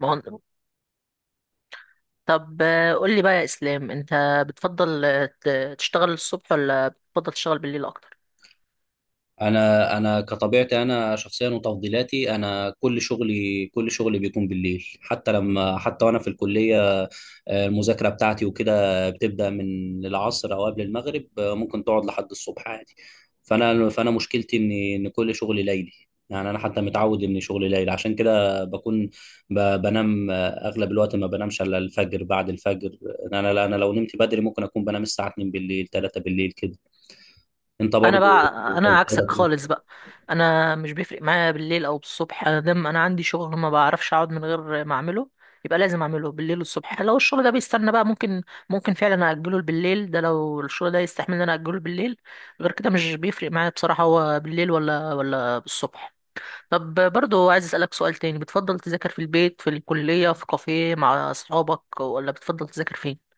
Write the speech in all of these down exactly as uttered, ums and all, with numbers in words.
ما هو، طب آه، قول لي بقى يا اسلام، انت بتفضل آه، ت- تشتغل الصبح ولا بتفضل تشتغل بالليل اكتر؟ انا انا كطبيعتي، انا شخصيا وتفضيلاتي، انا كل شغلي، كل شغلي بيكون بالليل. حتى لما حتى وانا في الكليه، آه، المذاكره بتاعتي وكده بتبدا من العصر او قبل المغرب، آه، ممكن تقعد لحد الصبح عادي. فانا فانا مشكلتي ان ان كل شغلي ليلي. يعني انا حتى متعود ان شغلي ليل، عشان كده بكون ب- بنام آه، اغلب الوقت، ما بنامش الا الفجر بعد الفجر. يعني انا انا لو نمت بدري ممكن اكون بنام الساعه اتنين بالليل، تلاتة بالليل كده. انت انا بقى، برضو؟ انا عكسك خالص بقى. انا مش بيفرق معايا بالليل او بالصبح، انا دام انا عندي شغل ما بعرفش اقعد من غير ما اعمله، يبقى لازم اعمله بالليل والصبح. لو الشغل ده بيستنى بقى ممكن ممكن فعلا اجله بالليل، ده لو الشغل ده يستحمل ان انا اجله بالليل. غير كده مش بيفرق معايا بصراحة، هو بالليل ولا ولا بالصبح. طب برضو عايز أسألك سؤال تاني، بتفضل تذاكر في البيت، في الكلية، في كافيه مع أصحابك، ولا بتفضل تذاكر فين؟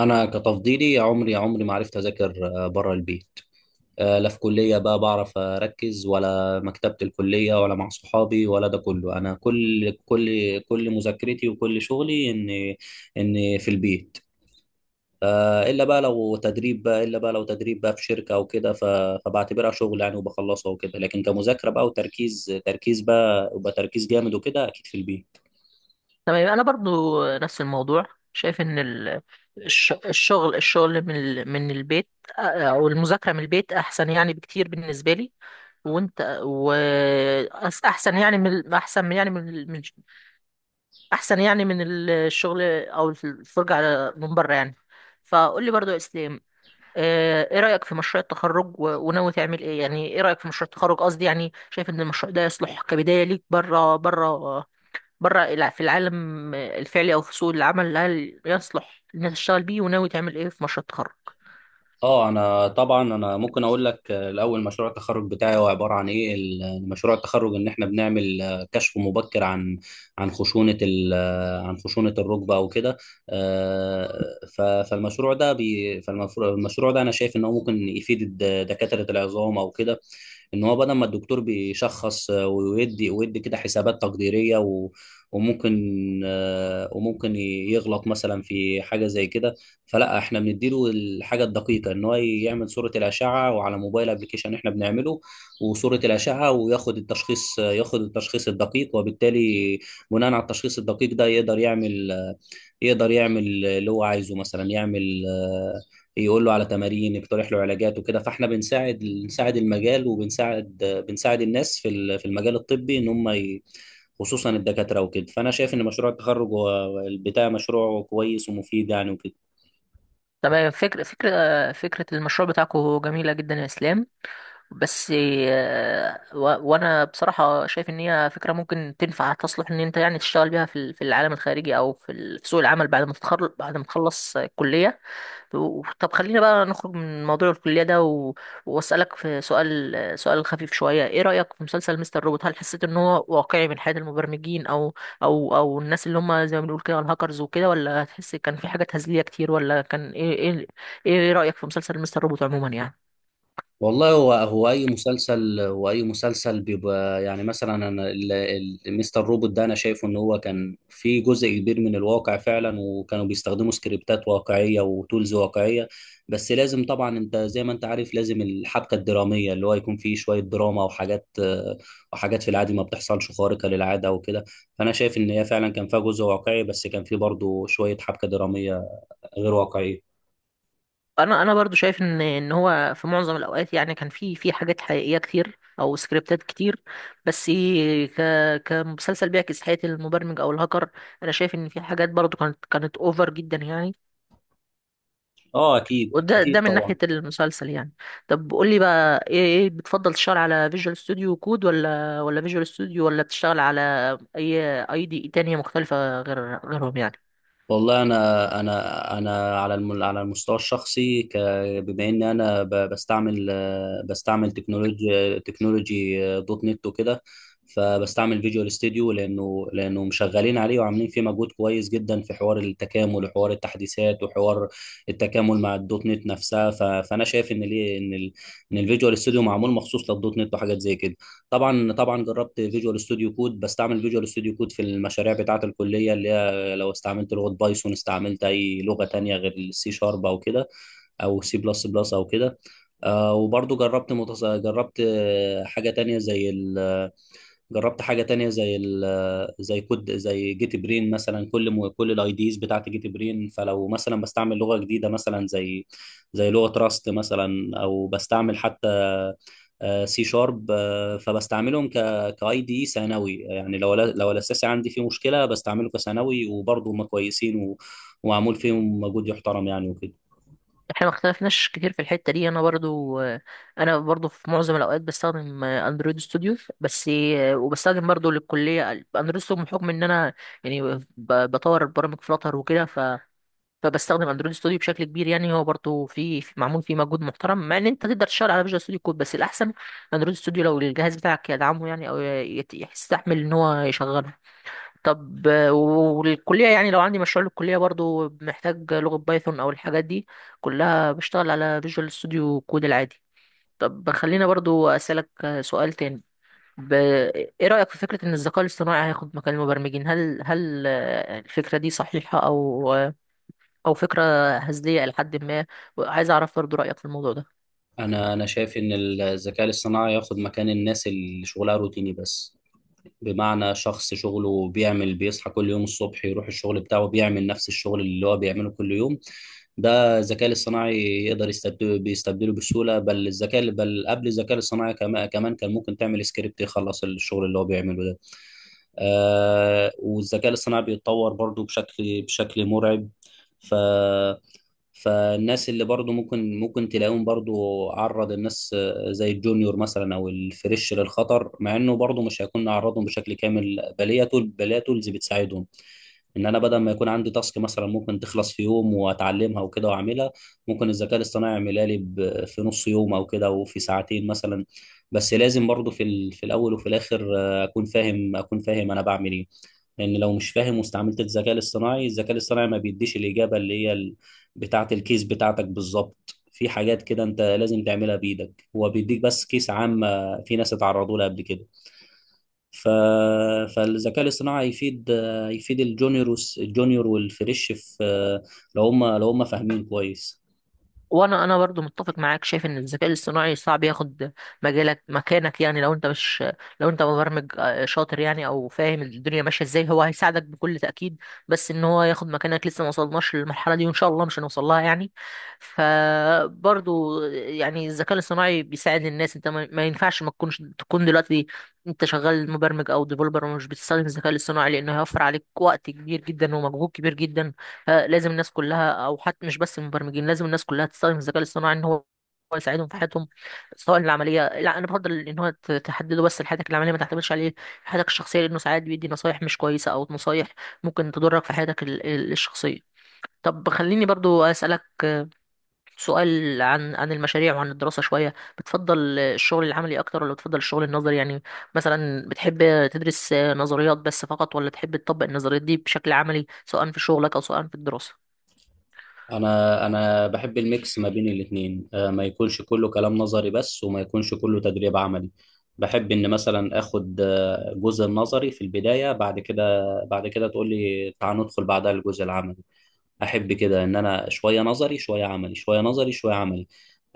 انا كتفضيلي، يا عمري يا عمري ما عرفت اذاكر بره البيت. آه، لا في كليه بقى بعرف اركز، ولا مكتبه الكليه، ولا مع صحابي، ولا ده كله. انا كل كل كل مذاكرتي وكل شغلي ان ان في البيت. آه، الا بقى لو تدريب بقى الا بقى لو تدريب بقى في شركه او كده، ف- فبعتبرها شغل يعني وبخلصها وكده. لكن كمذاكره بقى وتركيز، تركيز بقى وبقى تركيز جامد وكده، اكيد في البيت. تمام، أنا برضو نفس الموضوع. شايف إن ال- الش- الشغل الشغل من ال- من البيت، أو المذاكرة من البيت أحسن يعني بكتير بالنسبة لي. وأنت و أس- أحسن يعني من أحسن يعني من ال- من أحسن يعني من الشغل أو الفرجة على من بره يعني. فقول لي برضو يا إسلام، آه، ايه رأيك في مشروع التخرج و- وناوي تعمل ايه؟ يعني ايه رأيك في مشروع التخرج، قصدي يعني شايف ان المشروع ده يصلح كبداية ليك بره بره بره الع- في العالم الفعلي او في سوق العمل، هل يصلح انك تشتغل بيه؟ وناوي تعمل ايه في مشروع التخرج؟ اه انا طبعا انا ممكن اقول لك، آه، الاول مشروع التخرج بتاعي هو عباره عن ايه. ال- آه، مشروع التخرج ان احنا بنعمل، آه، كشف مبكر عن عن خشونه ال- آه، عن خشونه الركبه او كده. آه، ف- فالمشروع ده بي فالمشروع ده انا شايف ان هو ممكن يفيد الد- دكاتره العظام او كده، ان هو بدل ما الدكتور بيشخص، آه، ويدي ويدي كده حسابات تقديريه، و وممكن آه، وممكن يغلط مثلا في حاجه زي كده. فلا احنا بنديله الحاجه الدقيقه، ان هو يعمل صوره الاشعه، وعلى موبايل ابلكيشن احنا بنعمله وصوره الاشعه، وياخد التشخيص، ياخد التشخيص الدقيق وبالتالي بناء على التشخيص الدقيق ده يقدر يعمل، يقدر يعمل اللي هو عايزه. مثلا يعمل، آه، يقول له على تمارين، يقترح له علاجات وكده. فاحنا بنساعد، بنساعد المجال وبنساعد، آه، بنساعد الناس في ال- في المجال الطبي، ان هم ي- خصوصا الدكاتره وكده. فانا شايف ان مشروع التخرج هو- بتاع مشروع كويس ومفيد يعني وكده. تمام، فكرة فكرة فكرة المشروع بتاعكم جميلة جدا يا اسلام. بس آه، و- وانا بصراحة شايف ان هي فكرة ممكن تنفع تصلح ان انت يعني تشتغل بيها في ال- في العالم الخارجي او في ال- في سوق العمل بعد ما تتخرج بعد ما تخلص الكلية. و- طب خلينا بقى نخرج من موضوع الكلية ده و... وأسألك في سؤال سؤال خفيف شوية. إيه رأيك في مسلسل مستر روبوت؟ هل حسيت إن هو واقعي من حياة المبرمجين، أو أو أو الناس اللي هم زي ما بنقول كده الهاكرز وكده، ولا هتحس كان في حاجة تهزلية كتير، ولا كان إيه إيه إيه رأيك في مسلسل مستر روبوت عموما يعني؟ والله هو هو اي مسلسل هو اي مسلسل بيبقى يعني. مثلا انا ال- ال- مستر روبوت ده انا شايفه ان هو كان في جزء كبير من الواقع فعلا، وكانوا بيستخدموا سكريبتات واقعيه وتولز واقعيه. بس لازم طبعا انت زي ما انت عارف لازم الحبكه الدراميه، اللي هو يكون فيه شويه دراما وحاجات، آه، وحاجات في العادي ما بتحصلش، خارقه للعاده وكده. فانا شايف ان هي فعلا كان فيها جزء واقعي، بس كان فيه برضه شويه حبكه دراميه غير واقعيه. انا انا برضو شايف ان ان هو في معظم الاوقات يعني كان في في حاجات حقيقيه كتير او سكريبتات كتير، بس ك كمسلسل بيعكس حياه المبرمج او الهاكر انا شايف ان في حاجات برضو كانت كانت اوفر جدا يعني. اه اكيد وده ده اكيد من طبعا. ناحيه المسلسل يعني. طب قول لي بقى ايه، ايه بتفضل تشتغل على فيجوال ستوديو كود ولا ولا فيجوال ستوديو، ولا بتشتغل على اي اي دي تانية مختلفه غير غيرهم يعني؟ والله انا انا انا على الم- على المستوى الشخصي، ك- بما ان انا ب- بستعمل، آه، بستعمل تكنولوجي تكنولوجي، آه، دوت نت وكده. فبستعمل فيجوال ستوديو لانه لانه مشغلين عليه وعاملين فيه مجهود كويس جدا، في حوار التكامل وحوار التحديثات وحوار التكامل مع الدوت نت نفسها. ف- فانا شايف ان ليه ان ال ان الفيجوال ستوديو معمول مخصوص للدوت نت، وحاجات زي كده. طبعا طبعا جربت فيجوال ستوديو كود، بستعمل فيجوال ستوديو كود في المشاريع بتاعه الكليه، اللي لو استعملت لغة بايثون، استعملت أي لغة تانية غير السي شارب أو كده، أو سي بلس بلس أو كده. آه، وبرضو جربت متص... جربت، آه، حاجة تانية زي ال جربت حاجة تانية زي ال زي كود زي جيت برين مثلا. كل مو كل الاي ديز بتاعت جيت برين. فلو مثلا بستعمل لغة جديدة مثلا، زي زي لغة راست مثلا، او بستعمل حتى سي شارب، فبستعملهم ك كاي دي ثانوي. يعني لو لا- لو الاساسي عندي فيه مشكلة بستعمله كثانوي، وبرضه هم كويسين و- ومعمول فيهم مجهود يحترم يعني وكده. احنا ما اختلفناش كتير في الحتة دي، انا برضو انا برضو في معظم الاوقات بستخدم اندرويد ستوديو بس، وبستخدم برضو للكلية اندرويد ستوديو بحكم ان انا يعني ب- بطور برامج فلاتر وكده، ف فبستخدم اندرويد ستوديو بشكل كبير. يعني هو برضو في في- معمول فيه مجهود محترم، مع ان انت تقدر تشتغل على فيجوال ستوديو كود بس الاحسن اندرويد ستوديو لو الجهاز بتاعك يدعمه يعني، او يت- يستحمل ان هو يشغله. طب آه، والكلية يعني لو عندي مشروع للكلية برضو محتاج لغة بايثون أو الحاجات دي كلها بشتغل على فيجوال ستوديو كود العادي. طب خلينا برضو أسألك آه، سؤال تاني، ب... إيه رأيك في فكرة إن الذكاء الاصطناعي هياخد مكان المبرمجين؟ هل هل آه، الفكرة دي صحيحة، أو آه، أو فكرة هزلية إلى حد ما؟ عايز أعرف برضو رأيك في الموضوع ده. انا انا شايف ان الذكاء الاصطناعي ياخد مكان الناس اللي شغلها روتيني بس. بمعنى شخص شغله بيعمل، بيصحى كل يوم الصبح يروح الشغل بتاعه، بيعمل نفس الشغل اللي هو بيعمله كل يوم، ده الذكاء الاصطناعي يقدر يستبدله، بيستبدله بسهولة بل الذكاء بل قبل الذكاء الاصطناعي، كما- كمان كان ممكن تعمل سكريبت يخلص الشغل اللي هو بيعمله ده. آه، والذكاء الاصطناعي بيتطور برضو بشكل بشكل مرعب. ف فالناس اللي برضو ممكن ممكن تلاقيهم، برضو عرض الناس، آه، زي الجونيور مثلا او الفريش، للخطر. مع انه برضو مش هيكون عرضهم بشكل كامل، بل هي تول بل هي تولز بتساعدهم. ان انا بدل ما يكون عندي تاسك مثلا ممكن تخلص في يوم، واتعلمها وكده واعملها، ممكن الذكاء الاصطناعي يعملها لي ب- في نص يوم او كده، وفي ساعتين مثلا. بس لازم برضو في ال- في الاول وفي الاخر، آه، اكون فاهم، اكون فاهم انا بعمل ايه. لان لو مش فاهم واستعملت الذكاء الاصطناعي، الذكاء الاصطناعي ما بيديش الاجابه اللي هي ال- بتاعه الكيس بتاعتك بالظبط. في حاجات كده انت لازم تعملها بايدك، هو بيديك بس كيس عام، آه، في ناس اتعرضوا لها قبل كده. ف... فالذكاء الاصطناعي يفيد، يفيد الجونيور والس- الجونيور والفريش، في لو هم لو هم فاهمين كويس. وانا انا برضو متفق معاك، شايف ان الذكاء الاصطناعي صعب ياخد مجالك مكانك يعني. لو انت مش، لو انت مبرمج آه، شاطر يعني او فاهم الدنيا ماشيه ازاي هو هيساعدك بكل تاكيد، بس ان هو ياخد مكانك لسه ما وصلناش للمرحله دي، وان شاء الله مش هنوصل لها يعني. فبرضو يعني الذكاء الاصطناعي بيساعد الناس، انت ما ما ينفعش ما تكونش تكون دلوقتي انت شغال مبرمج او ديفلوبر ومش بتستخدم الذكاء الاصطناعي لانه هيوفر عليك وقت كبير جدا ومجهود كبير جدا. فلازم الناس كلها، او حتى مش بس المبرمجين، لازم الناس كلها تستخدم الذكاء الاصطناعي ان هو هو يساعدهم في حياتهم سواء العمليه. لا، انا بفضل ان هو ت- تحدده بس لحياتك العمليه، ما تعتمدش عليه في حياتك الشخصيه لانه ساعات بيدي نصايح مش كويسه او نصايح ممكن تضرك في حياتك ال- ال- الشخصيه. طب خليني برضو اسالك سؤال عن عن المشاريع وعن الدراسه شويه، بتفضل الشغل العملي اكتر ولا بتفضل الشغل النظري يعني؟ مثلا بتحب تدرس نظريات بس فقط، ولا تحب تطبق النظريات دي بشكل عملي سواء في شغلك او سواء في الدراسه؟ انا انا بحب الميكس ما بين الاثنين. آه، ما يكونش كله كلام نظري بس، وما يكونش كله تدريب عملي. بحب ان مثلا اخد، آه، جزء النظري في البدايه، بعد كده بعد كده تقول لي تعال ندخل بعدها الجزء العملي. احب كده ان انا شويه نظري شويه عملي، شويه نظري شويه عملي.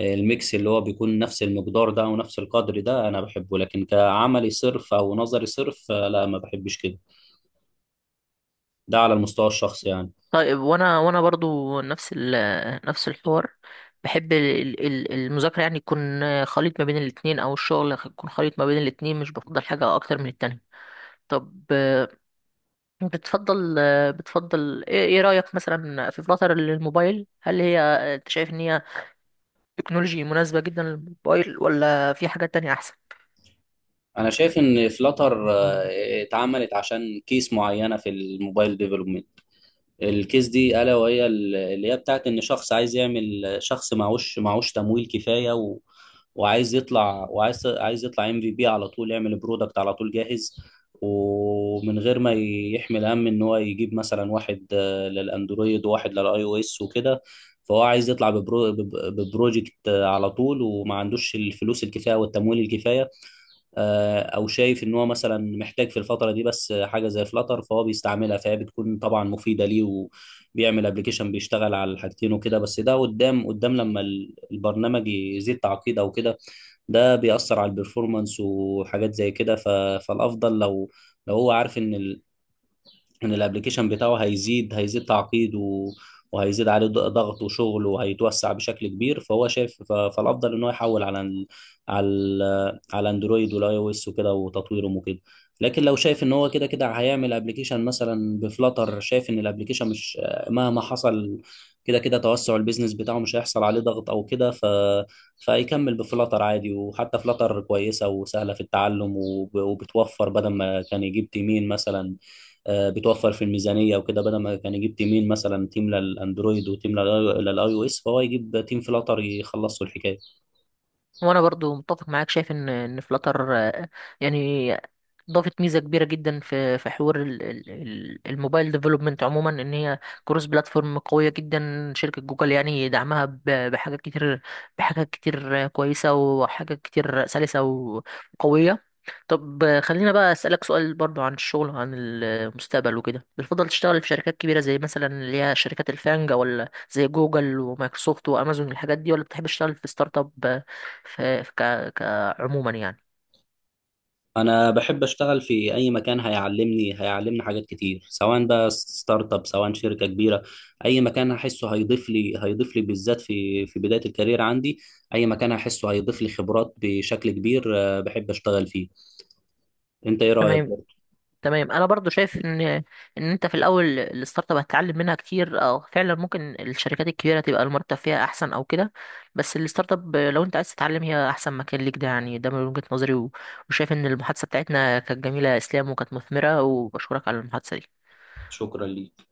آه، الميكس اللي هو بيكون نفس المقدار ده ونفس القدر ده انا بحبه. لكن كعملي صرف او نظري صرف، آه، لا ما بحبش كده. ده على المستوى الشخصي يعني. طيب وانا وانا برضو نفس ال نفس الحوار، بحب ال- ال- المذاكرة يعني يكون خليط ما بين الاتنين او الشغل يكون خليط ما بين الاتنين، مش بفضل حاجة اكتر من التانية. طب آه، بتفضل آه، بتفضل ايه إيه رأيك مثلا في فلاتر للموبايل، هل هي آه، انت شايف ان هي تكنولوجي مناسبة جدا للموبايل ولا في حاجات تانية احسن؟ انا شايف ان فلاتر اتعملت عشان كيس معينه في الموبايل ديفلوبمنت. الكيس دي الا وهي، ال- اللي هي بتاعت، ان شخص عايز يعمل، شخص معهوش معهوش تمويل كفايه، و... وعايز يطلع، وعايز عايز يطلع ام في بي على طول، يعمل برودكت على طول جاهز، ومن غير ما يحمل هم ان هو يجيب مثلا واحد، آه، للاندرويد وواحد للاي او اس وكده. فهو عايز يطلع ببرو... بب- ببروجكت، آه، على طول، وما عندوش الفلوس الكفايه والتمويل الكفايه. آه، او شايف ان هو مثلا محتاج في الفتره دي بس حاجه زي فلاتر، فهو بيستعملها، فهي بتكون طبعا مفيده ليه، وبيعمل ابلكيشن بيشتغل على الحاجتين وكده. بس ده قدام، قدام لما ال- البرنامج يزيد تعقيد او كده، ده بيأثر على البرفورمانس وحاجات زي كده. ف- فالافضل لو، لو هو عارف ان، ان الابليكيشن بتاعه هيزيد، هيزيد تعقيد و... وهيزيد عليه ض- ضغط وشغل، وهيتوسع بشكل كبير، فهو شايف ف... فالافضل ان هو يحول على ال... على ال... على اندرويد والاي او اس وكده، وتطويرهم وكده. لكن لو شايف ان هو كده كده هيعمل ابلكيشن مثلا بفلاتر، شايف ان الابلكيشن مش، مهما حصل، كده كده توسع البيزنس بتاعه مش هيحصل عليه ضغط او كده، ف... فيكمل بفلاتر عادي. وحتى فلاتر كويسة وسهلة في التعلم، وب... وبتوفر بدل ما كان يجيب تيمين مثلا، آه، بتوفر في الميزانيه وكده. بدل ما كان يجيب تيمين مثلا، تيم للاندرويد وتيم لل- للاي او اس، فهو يجيب تيم فلاتر يخلصوا الحكايه. وانا برضو متفق معاك، شايف ان ان فلاتر يعني ضافت ميزه كبيره جدا في في حوار ال- ال- ال- الموبايل ديفلوبمنت عموما، ان هي كروس بلاتفورم قويه جدا. شركه جوجل يعني دعمها ب- بحاجات كتير بحاجات كتير كويسه، وحاجات كتير سلسه وقويه. طب خلينا بقى اسالك سؤال برضو عن الشغل عن المستقبل وكده، بتفضل تشتغل في شركات كبيره زي مثلا اللي هي شركات الفانجا، ولا زي جوجل ومايكروسوفت وامازون الحاجات دي، ولا بتحب تشتغل في ستارت اب في في ك... كعموما يعني؟ انا بحب اشتغل في اي مكان هيعلمني، هيعلمني حاجات كتير، سواء بقى ستارت اب سواء شركه كبيره. اي مكان هحسه هيضيف لي، هيضيف لي بالذات في في بدايه الكارير عندي، اي مكان هحسه هيضيف لي خبرات بشكل كبير، آه، بحب اشتغل فيه. انت ايه رايك تمام. برضه؟ تمام، انا برضو شايف ان ان انت في الاول الستارت اب هتتعلم منها كتير، او فعلا ممكن الشركات الكبيره تبقى المرتب فيها احسن او كده، بس الستارت اب لو انت عايز تتعلم هي احسن مكان ليك ده يعني، ده من وجهه نظري و- وشايف ان المحادثه بتاعتنا كانت جميله يا اسلام وكانت مثمره، وبشكرك على المحادثه دي. شكرا ليك.